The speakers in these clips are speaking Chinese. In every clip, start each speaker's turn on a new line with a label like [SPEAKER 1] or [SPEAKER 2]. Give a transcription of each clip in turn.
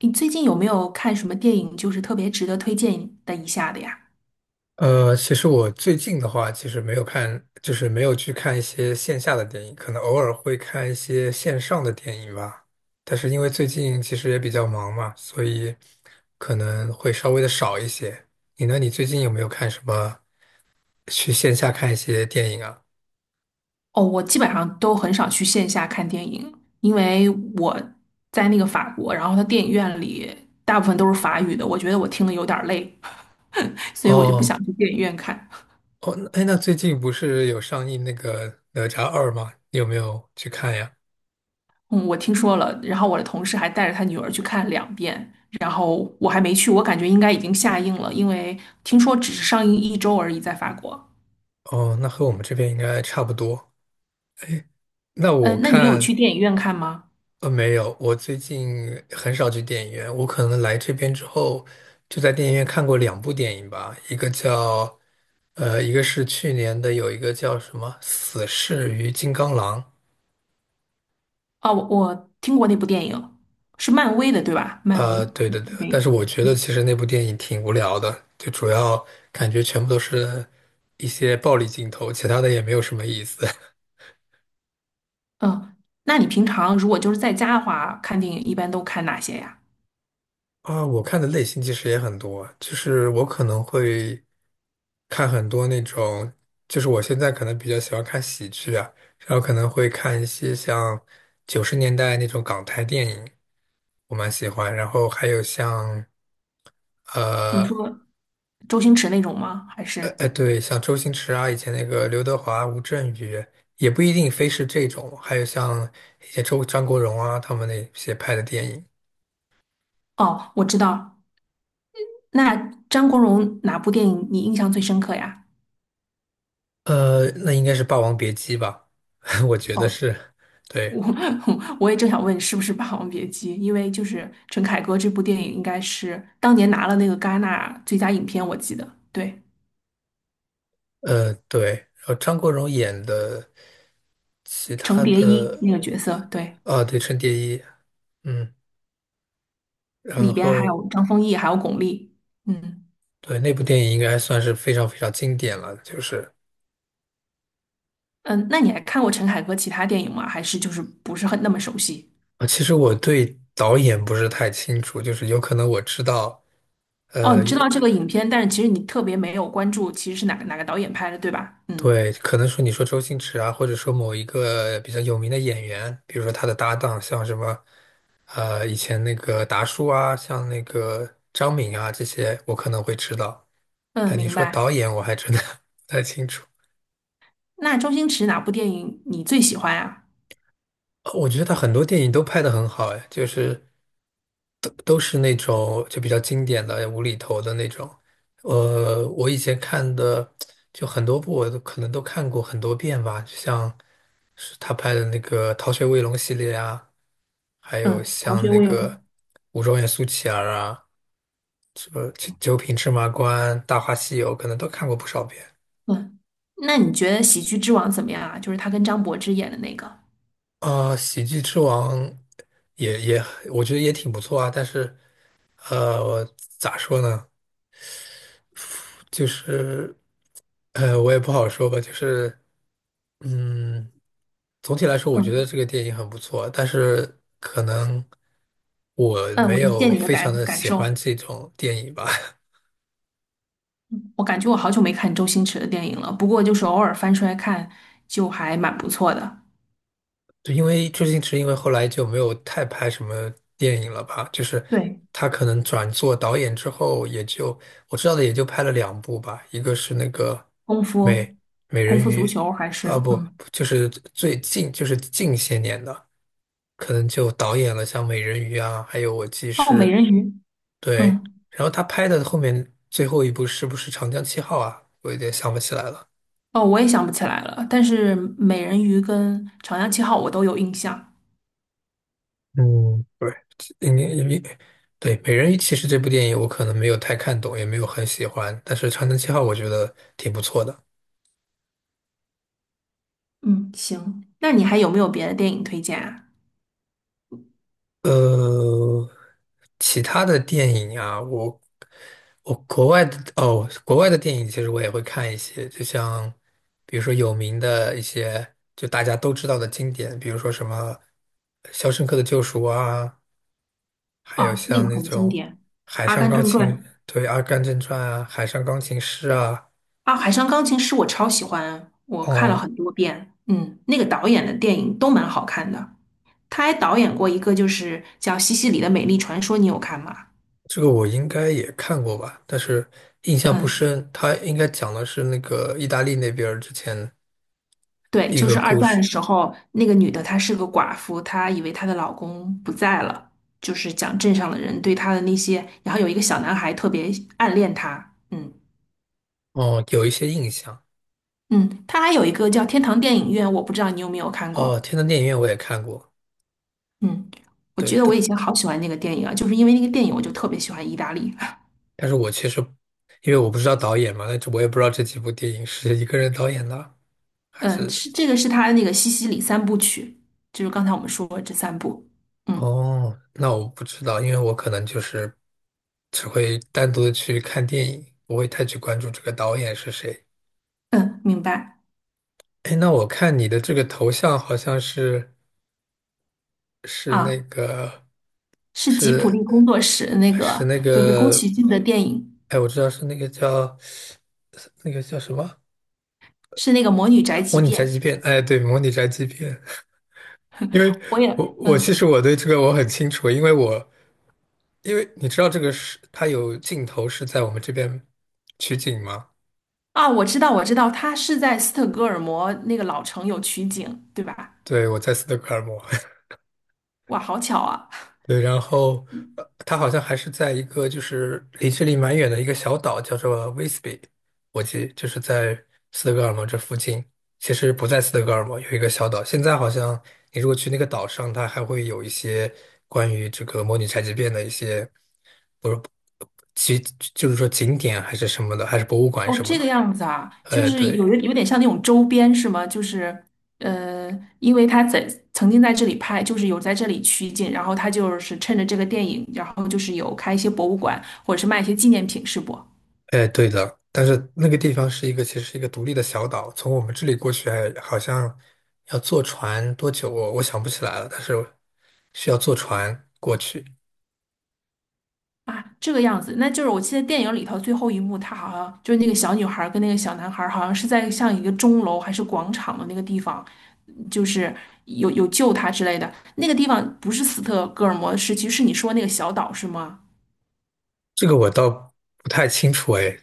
[SPEAKER 1] 你最近有没有看什么电影，就是特别值得推荐的一下的呀？
[SPEAKER 2] 其实我最近的话，其实没有看，就是没有去看一些线下的电影，可能偶尔会看一些线上的电影吧。但是因为最近其实也比较忙嘛，所以可能会稍微的少一些。你呢？你最近有没有看什么去线下看一些电影啊？
[SPEAKER 1] 哦，我基本上都很少去线下看电影，因为我在那个法国，然后它电影院里大部分都是法语的，我觉得我听的有点儿累，所以我就不想
[SPEAKER 2] 哦
[SPEAKER 1] 去电影院看。
[SPEAKER 2] 哦，哎，那最近不是有上映那个《哪吒二》吗？你有没有去看呀？
[SPEAKER 1] 嗯，我听说了，然后我的同事还带着他女儿去看2遍，然后我还没去，我感觉应该已经下映了，因为听说只是上映1周而已，在法国。
[SPEAKER 2] 哦，那和我们这边应该差不多。那我
[SPEAKER 1] 嗯，那你有去
[SPEAKER 2] 看。
[SPEAKER 1] 电影院看吗？
[SPEAKER 2] 没有，我最近很少去电影院。我可能来这边之后，就在电影院看过两部电影吧，一个叫，一个是去年的，有一个叫什么《死侍与金刚狼》。
[SPEAKER 1] 哦，我听过那部电影，是漫威的，对吧？漫威
[SPEAKER 2] 对对对，
[SPEAKER 1] 电
[SPEAKER 2] 但是
[SPEAKER 1] 影。
[SPEAKER 2] 我觉得其实那部电影挺无聊的，就主要感觉全部都是一些暴力镜头，其他的也没有什么意思。
[SPEAKER 1] 嗯，那你平常如果就是在家的话，看电影一般都看哪些呀？
[SPEAKER 2] 啊，我看的类型其实也很多，就是我可能会看很多那种，就是我现在可能比较喜欢看喜剧啊，然后可能会看一些像90年代那种港台电影，我蛮喜欢。然后还有像呃
[SPEAKER 1] 你说周星驰那种吗？还是？
[SPEAKER 2] 对，像周星驰啊，以前那个刘德华、吴镇宇，也不一定非是这种，还有像一些张国荣啊他们那些拍的电影。
[SPEAKER 1] 哦，我知道。那张国荣哪部电影你印象最深刻呀？
[SPEAKER 2] 那应该是《霸王别姬》吧？我觉得
[SPEAKER 1] 哦，
[SPEAKER 2] 是，对，
[SPEAKER 1] 我 我也正想问是不是《霸王别姬》，因为就是陈凯歌这部电影应该是当年拿了那个戛纳最佳影片，我记得。对，
[SPEAKER 2] 对。然后张国荣演的其
[SPEAKER 1] 程
[SPEAKER 2] 他
[SPEAKER 1] 蝶衣
[SPEAKER 2] 的，
[SPEAKER 1] 那个角色，对。
[SPEAKER 2] 啊，对，《春蝶衣》，嗯，然
[SPEAKER 1] 里边还
[SPEAKER 2] 后
[SPEAKER 1] 有张丰毅，还有巩俐。嗯
[SPEAKER 2] 对那部电影应该算是非常非常经典了。就是
[SPEAKER 1] 嗯，那你还看过陈凯歌其他电影吗？还是就是不是很那么熟悉？
[SPEAKER 2] 啊，其实我对导演不是太清楚，就是有可能我知道，
[SPEAKER 1] 哦，你知
[SPEAKER 2] 也。
[SPEAKER 1] 道这个影片，但是其实你特别没有关注，其实是哪个导演拍的，对吧？嗯
[SPEAKER 2] 对，可能说你说周星驰啊，或者说某一个比较有名的演员，比如说他的搭档，像什么，以前那个达叔啊，像那个张敏啊，这些我可能会知道。
[SPEAKER 1] 嗯，
[SPEAKER 2] 但你
[SPEAKER 1] 明
[SPEAKER 2] 说导
[SPEAKER 1] 白。
[SPEAKER 2] 演，我还真的 不太清楚。
[SPEAKER 1] 那周星驰哪部电影你最喜欢啊？
[SPEAKER 2] 我觉得他很多电影都拍得很好，哎，就是都是那种就比较经典的无厘头的那种。我以前看的就很多部，我都可能都看过很多遍吧，就像是他拍的那个《逃学威龙》系列啊。还有
[SPEAKER 1] 嗯，逃
[SPEAKER 2] 像
[SPEAKER 1] 学
[SPEAKER 2] 那
[SPEAKER 1] 威
[SPEAKER 2] 个
[SPEAKER 1] 龙。
[SPEAKER 2] 《五状元苏乞儿》啊，什么《九九品芝麻官》《大话西游》，可能都看过不少遍。
[SPEAKER 1] 嗯，那你觉得《喜剧之王》怎么样啊？就是他跟张柏芝演的那个。
[SPEAKER 2] 啊、喜剧之王也，我觉得也挺不错啊。但是，呃，咋说呢？就是，我也不好说吧。就是，嗯，总体来说，我觉得
[SPEAKER 1] 嗯
[SPEAKER 2] 这个电影很不错。但是，可能我
[SPEAKER 1] 嗯，我
[SPEAKER 2] 没
[SPEAKER 1] 理解
[SPEAKER 2] 有
[SPEAKER 1] 你的
[SPEAKER 2] 非常
[SPEAKER 1] 感
[SPEAKER 2] 的
[SPEAKER 1] 感
[SPEAKER 2] 喜
[SPEAKER 1] 受。
[SPEAKER 2] 欢这种电影吧。
[SPEAKER 1] 我感觉我好久没看周星驰的电影了，不过就是偶尔翻出来看，就还蛮不错的。
[SPEAKER 2] 就因为周星驰，因为后来就没有太拍什么电影了吧，就是
[SPEAKER 1] 对。
[SPEAKER 2] 他可能转做导演之后，也就我知道的也就拍了两部吧，一个是那个
[SPEAKER 1] 功夫，
[SPEAKER 2] 美美
[SPEAKER 1] 功
[SPEAKER 2] 人
[SPEAKER 1] 夫足
[SPEAKER 2] 鱼，
[SPEAKER 1] 球还
[SPEAKER 2] 啊
[SPEAKER 1] 是
[SPEAKER 2] 不，
[SPEAKER 1] 嗯，
[SPEAKER 2] 就是最近就是近些年的，可能就导演了像美人鱼啊，还有我记
[SPEAKER 1] 哦，美
[SPEAKER 2] 是，
[SPEAKER 1] 人鱼，
[SPEAKER 2] 对，
[SPEAKER 1] 嗯，
[SPEAKER 2] 然后他拍的后面最后一部是不是长江七号啊？我有点想不起来了。
[SPEAKER 1] 哦，我也想不起来了。但是美人鱼跟长江七号我都有印象。
[SPEAKER 2] 嗯，对，应该因为对《美人鱼》其实这部电影我可能没有太看懂，也没有很喜欢，但是《长城七号》我觉得挺不错的。
[SPEAKER 1] 嗯，行，那你还有没有别的电影推荐啊？
[SPEAKER 2] 呃，其他的电影啊，我我国外的哦，国外的电影其实我也会看一些，就像比如说有名的一些，就大家都知道的经典，比如说什么《肖申克的救赎》啊，还有
[SPEAKER 1] 啊，那
[SPEAKER 2] 像
[SPEAKER 1] 个
[SPEAKER 2] 那
[SPEAKER 1] 很经
[SPEAKER 2] 种
[SPEAKER 1] 典，
[SPEAKER 2] 《海
[SPEAKER 1] 《阿
[SPEAKER 2] 上
[SPEAKER 1] 甘
[SPEAKER 2] 钢
[SPEAKER 1] 正
[SPEAKER 2] 琴》
[SPEAKER 1] 传》
[SPEAKER 2] 对《阿甘正传》啊，《海上钢琴师》啊。
[SPEAKER 1] 啊，《海上钢琴师》我超喜欢，我看了
[SPEAKER 2] 哦，
[SPEAKER 1] 很多遍。嗯，那个导演的电影都蛮好看的。他还导演过一个就是叫《西西里的美丽传说》，你有看吗？
[SPEAKER 2] 这个我应该也看过吧，但是印象不
[SPEAKER 1] 嗯。
[SPEAKER 2] 深。他应该讲的是那个意大利那边儿之前
[SPEAKER 1] 对，
[SPEAKER 2] 一
[SPEAKER 1] 就
[SPEAKER 2] 个
[SPEAKER 1] 是二
[SPEAKER 2] 故
[SPEAKER 1] 战
[SPEAKER 2] 事，
[SPEAKER 1] 的时候，那个女的她是个寡妇，她以为她的老公不在了，就是讲镇上的人对她的那些，然后有一个小男孩特别暗恋她，嗯
[SPEAKER 2] 哦，有一些印象。
[SPEAKER 1] 嗯，她还有一个叫《天堂电影院》，我不知道你有没有看
[SPEAKER 2] 哦，
[SPEAKER 1] 过，
[SPEAKER 2] 天堂电影院我也看过，
[SPEAKER 1] 嗯，我觉
[SPEAKER 2] 对，
[SPEAKER 1] 得我
[SPEAKER 2] 但
[SPEAKER 1] 以前好喜欢那个电影啊，就是因为那个电影，我就特别喜欢意大利，
[SPEAKER 2] 但是我其实因为我不知道导演嘛，那这我也不知道这几部电影是一个人导演的，还
[SPEAKER 1] 嗯，
[SPEAKER 2] 是
[SPEAKER 1] 是这个是他的那个西西里三部曲，就是刚才我们说的这三部，嗯
[SPEAKER 2] 哦，那我不知道，因为我可能就是只会单独的去看电影，不会太去关注这个导演是谁。
[SPEAKER 1] 嗯，明白
[SPEAKER 2] 哎，那我看你的这个头像好像是。是那
[SPEAKER 1] 啊，
[SPEAKER 2] 个
[SPEAKER 1] 是吉普
[SPEAKER 2] 是
[SPEAKER 1] 力工作室那
[SPEAKER 2] 是
[SPEAKER 1] 个
[SPEAKER 2] 那
[SPEAKER 1] 就是宫
[SPEAKER 2] 个，
[SPEAKER 1] 崎骏的电影。
[SPEAKER 2] 哎，我知道是那个叫什么？
[SPEAKER 1] 是那个《魔女宅
[SPEAKER 2] 模
[SPEAKER 1] 急
[SPEAKER 2] 拟
[SPEAKER 1] 便》，
[SPEAKER 2] 宅急便。哎，对，模拟宅急便。因为
[SPEAKER 1] 我
[SPEAKER 2] 我
[SPEAKER 1] 也
[SPEAKER 2] 我其
[SPEAKER 1] 嗯
[SPEAKER 2] 实我对这个我很清楚，因为因为你知道这个是它有镜头是在我们这边取景吗？
[SPEAKER 1] 啊，我知道我知道，它是在斯德哥尔摩那个老城有取景，对吧？
[SPEAKER 2] 对，我在斯德哥尔摩。
[SPEAKER 1] 哇，好巧啊！
[SPEAKER 2] 对，然后它好像还是在一个就是离这里蛮远的一个小岛，叫做威斯比，我记就是在斯德哥尔摩这附近。其实不在斯德哥尔摩，有一个小岛。现在好像你如果去那个岛上，它还会有一些关于这个模拟宅急变的一些，不是，其就是说景点还是什么的，还是博物馆
[SPEAKER 1] 哦，
[SPEAKER 2] 什么
[SPEAKER 1] 这个
[SPEAKER 2] 的。
[SPEAKER 1] 样子啊，就是
[SPEAKER 2] 对，
[SPEAKER 1] 有点像那种周边是吗？就是呃，因为他曾经在这里拍，就是有在这里取景，然后他就是趁着这个电影，然后就是有开一些博物馆或者是卖一些纪念品，是不？
[SPEAKER 2] 哎，对的，但是那个地方是一个，其实是一个独立的小岛，从我们这里过去还好像要坐船多久我想不起来了，但是需要坐船过去，
[SPEAKER 1] 啊，这个样子，那就是我记得电影里头最后一幕，他好像就是那个小女孩儿跟那个小男孩儿好像是在像一个钟楼还是广场的那个地方，就是有有救他之类的。那个地方不是斯德哥尔摩市区，是你说那个小岛是吗？
[SPEAKER 2] 这个我倒不太清楚哎。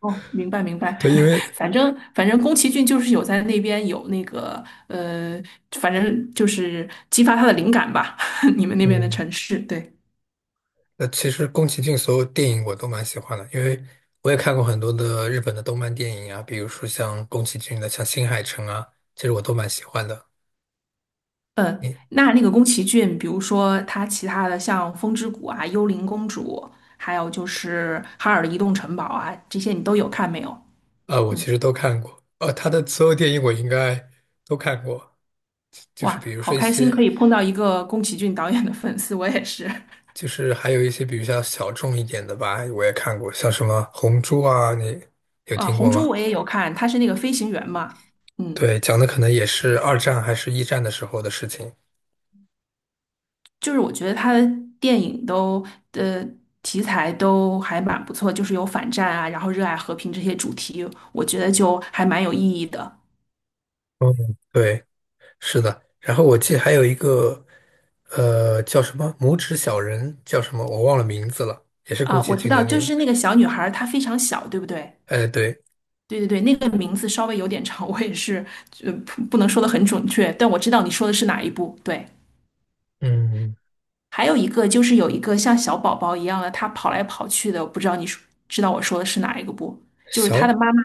[SPEAKER 1] 哦，明白明白，
[SPEAKER 2] 对，因为
[SPEAKER 1] 反正宫崎骏就是有在那边有那个反正就是激发他的灵感吧，你们那边的
[SPEAKER 2] 嗯，
[SPEAKER 1] 城市，对。
[SPEAKER 2] 那其实宫崎骏所有电影我都蛮喜欢的，因为我也看过很多的日本的动漫电影啊，比如说像宫崎骏的像《新海诚》啊，其实我都蛮喜欢的。
[SPEAKER 1] 嗯，
[SPEAKER 2] 你
[SPEAKER 1] 那个宫崎骏，比如说他其他的像《风之谷》啊、《幽灵公主》，还有就是《哈尔的移动城堡》啊，这些你都有看没有？
[SPEAKER 2] 啊，我
[SPEAKER 1] 嗯，
[SPEAKER 2] 其实都看过，他的所有电影我应该都看过。就是
[SPEAKER 1] 哇，
[SPEAKER 2] 比如
[SPEAKER 1] 好
[SPEAKER 2] 说一
[SPEAKER 1] 开心
[SPEAKER 2] 些，
[SPEAKER 1] 可以碰到一个宫崎骏导演的粉丝，我也是
[SPEAKER 2] 就是还有一些比较小众一点的吧，我也看过，像什么《红猪》啊，你有
[SPEAKER 1] 啊，
[SPEAKER 2] 听
[SPEAKER 1] 《红
[SPEAKER 2] 过
[SPEAKER 1] 猪》
[SPEAKER 2] 吗？
[SPEAKER 1] 我也有看，他是那个飞行员嘛，嗯，
[SPEAKER 2] 对，讲的可能也是二战还是一战的时候的事情。
[SPEAKER 1] 就是我觉得他的电影都呃题材都还蛮不错，就是有反战啊，然后热爱和平这些主题，我觉得就还蛮有意义的
[SPEAKER 2] 嗯，对，是的。然后我记得还有一个，叫什么《拇指小人》，叫什么我忘了名字了，也是宫
[SPEAKER 1] 啊。
[SPEAKER 2] 崎
[SPEAKER 1] 我知
[SPEAKER 2] 骏
[SPEAKER 1] 道，
[SPEAKER 2] 的
[SPEAKER 1] 就
[SPEAKER 2] 电影。
[SPEAKER 1] 是那个小女孩儿，她非常小，对不对？
[SPEAKER 2] 哎，对，
[SPEAKER 1] 对对对，那个名字稍微有点长，我也是，不能说的很准确，但我知道你说的是哪一部。对，
[SPEAKER 2] 嗯，
[SPEAKER 1] 还有一个就是有一个像小宝宝一样的，他跑来跑去的，我不知道知道我说的是哪一个不？就是他
[SPEAKER 2] 小
[SPEAKER 1] 的妈妈，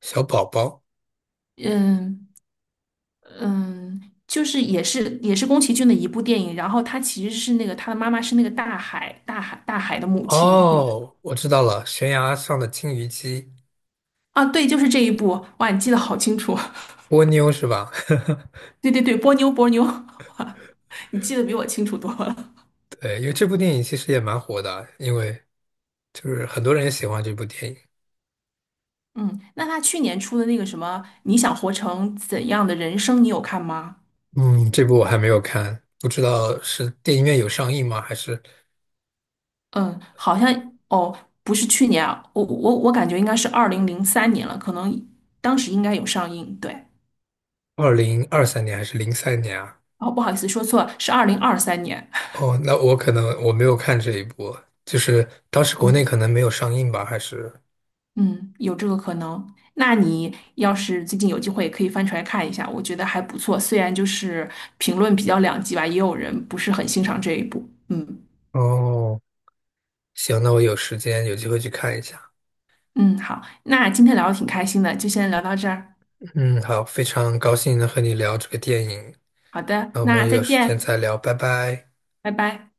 [SPEAKER 2] 小宝宝。
[SPEAKER 1] 嗯嗯，就是也是宫崎骏的一部电影，然后他其实是那个他的妈妈是那个大海的母亲，
[SPEAKER 2] 哦，我知道了，悬崖上的金鱼姬，
[SPEAKER 1] 啊，对，就是这一部，哇，你记得好清楚，
[SPEAKER 2] 波妞是吧？
[SPEAKER 1] 对对对，波妞波妞，你记得比我清楚多了。
[SPEAKER 2] 对，因为这部电影其实也蛮火的，因为就是很多人也喜欢这部电影。
[SPEAKER 1] 嗯，那他去年出的那个什么《你想活成怎样的人生》，你有看吗？
[SPEAKER 2] 嗯，这部我还没有看，不知道是电影院有上映吗？还是
[SPEAKER 1] 嗯，好像哦，不是去年啊，我感觉应该是2003年了，可能当时应该有上映。对，
[SPEAKER 2] 2023年还是零三年啊？
[SPEAKER 1] 哦，不好意思，说错了，是2023年。
[SPEAKER 2] 哦，那我可能我没有看这一部，就是当时国内
[SPEAKER 1] 嗯
[SPEAKER 2] 可能没有上映吧，还是
[SPEAKER 1] 嗯，有这个可能。那你要是最近有机会，也可以翻出来看一下，我觉得还不错。虽然就是评论比较两极吧，也有人不是很欣赏这一部。嗯
[SPEAKER 2] 哦，行，那我有时间有机会去看一下。
[SPEAKER 1] 嗯，好，那今天聊的挺开心的，就先聊到这儿。
[SPEAKER 2] 嗯，好，非常高兴能和你聊这个电影，
[SPEAKER 1] 好的，
[SPEAKER 2] 那我
[SPEAKER 1] 那
[SPEAKER 2] 们
[SPEAKER 1] 再
[SPEAKER 2] 有时间
[SPEAKER 1] 见，
[SPEAKER 2] 再聊，拜拜。
[SPEAKER 1] 拜拜。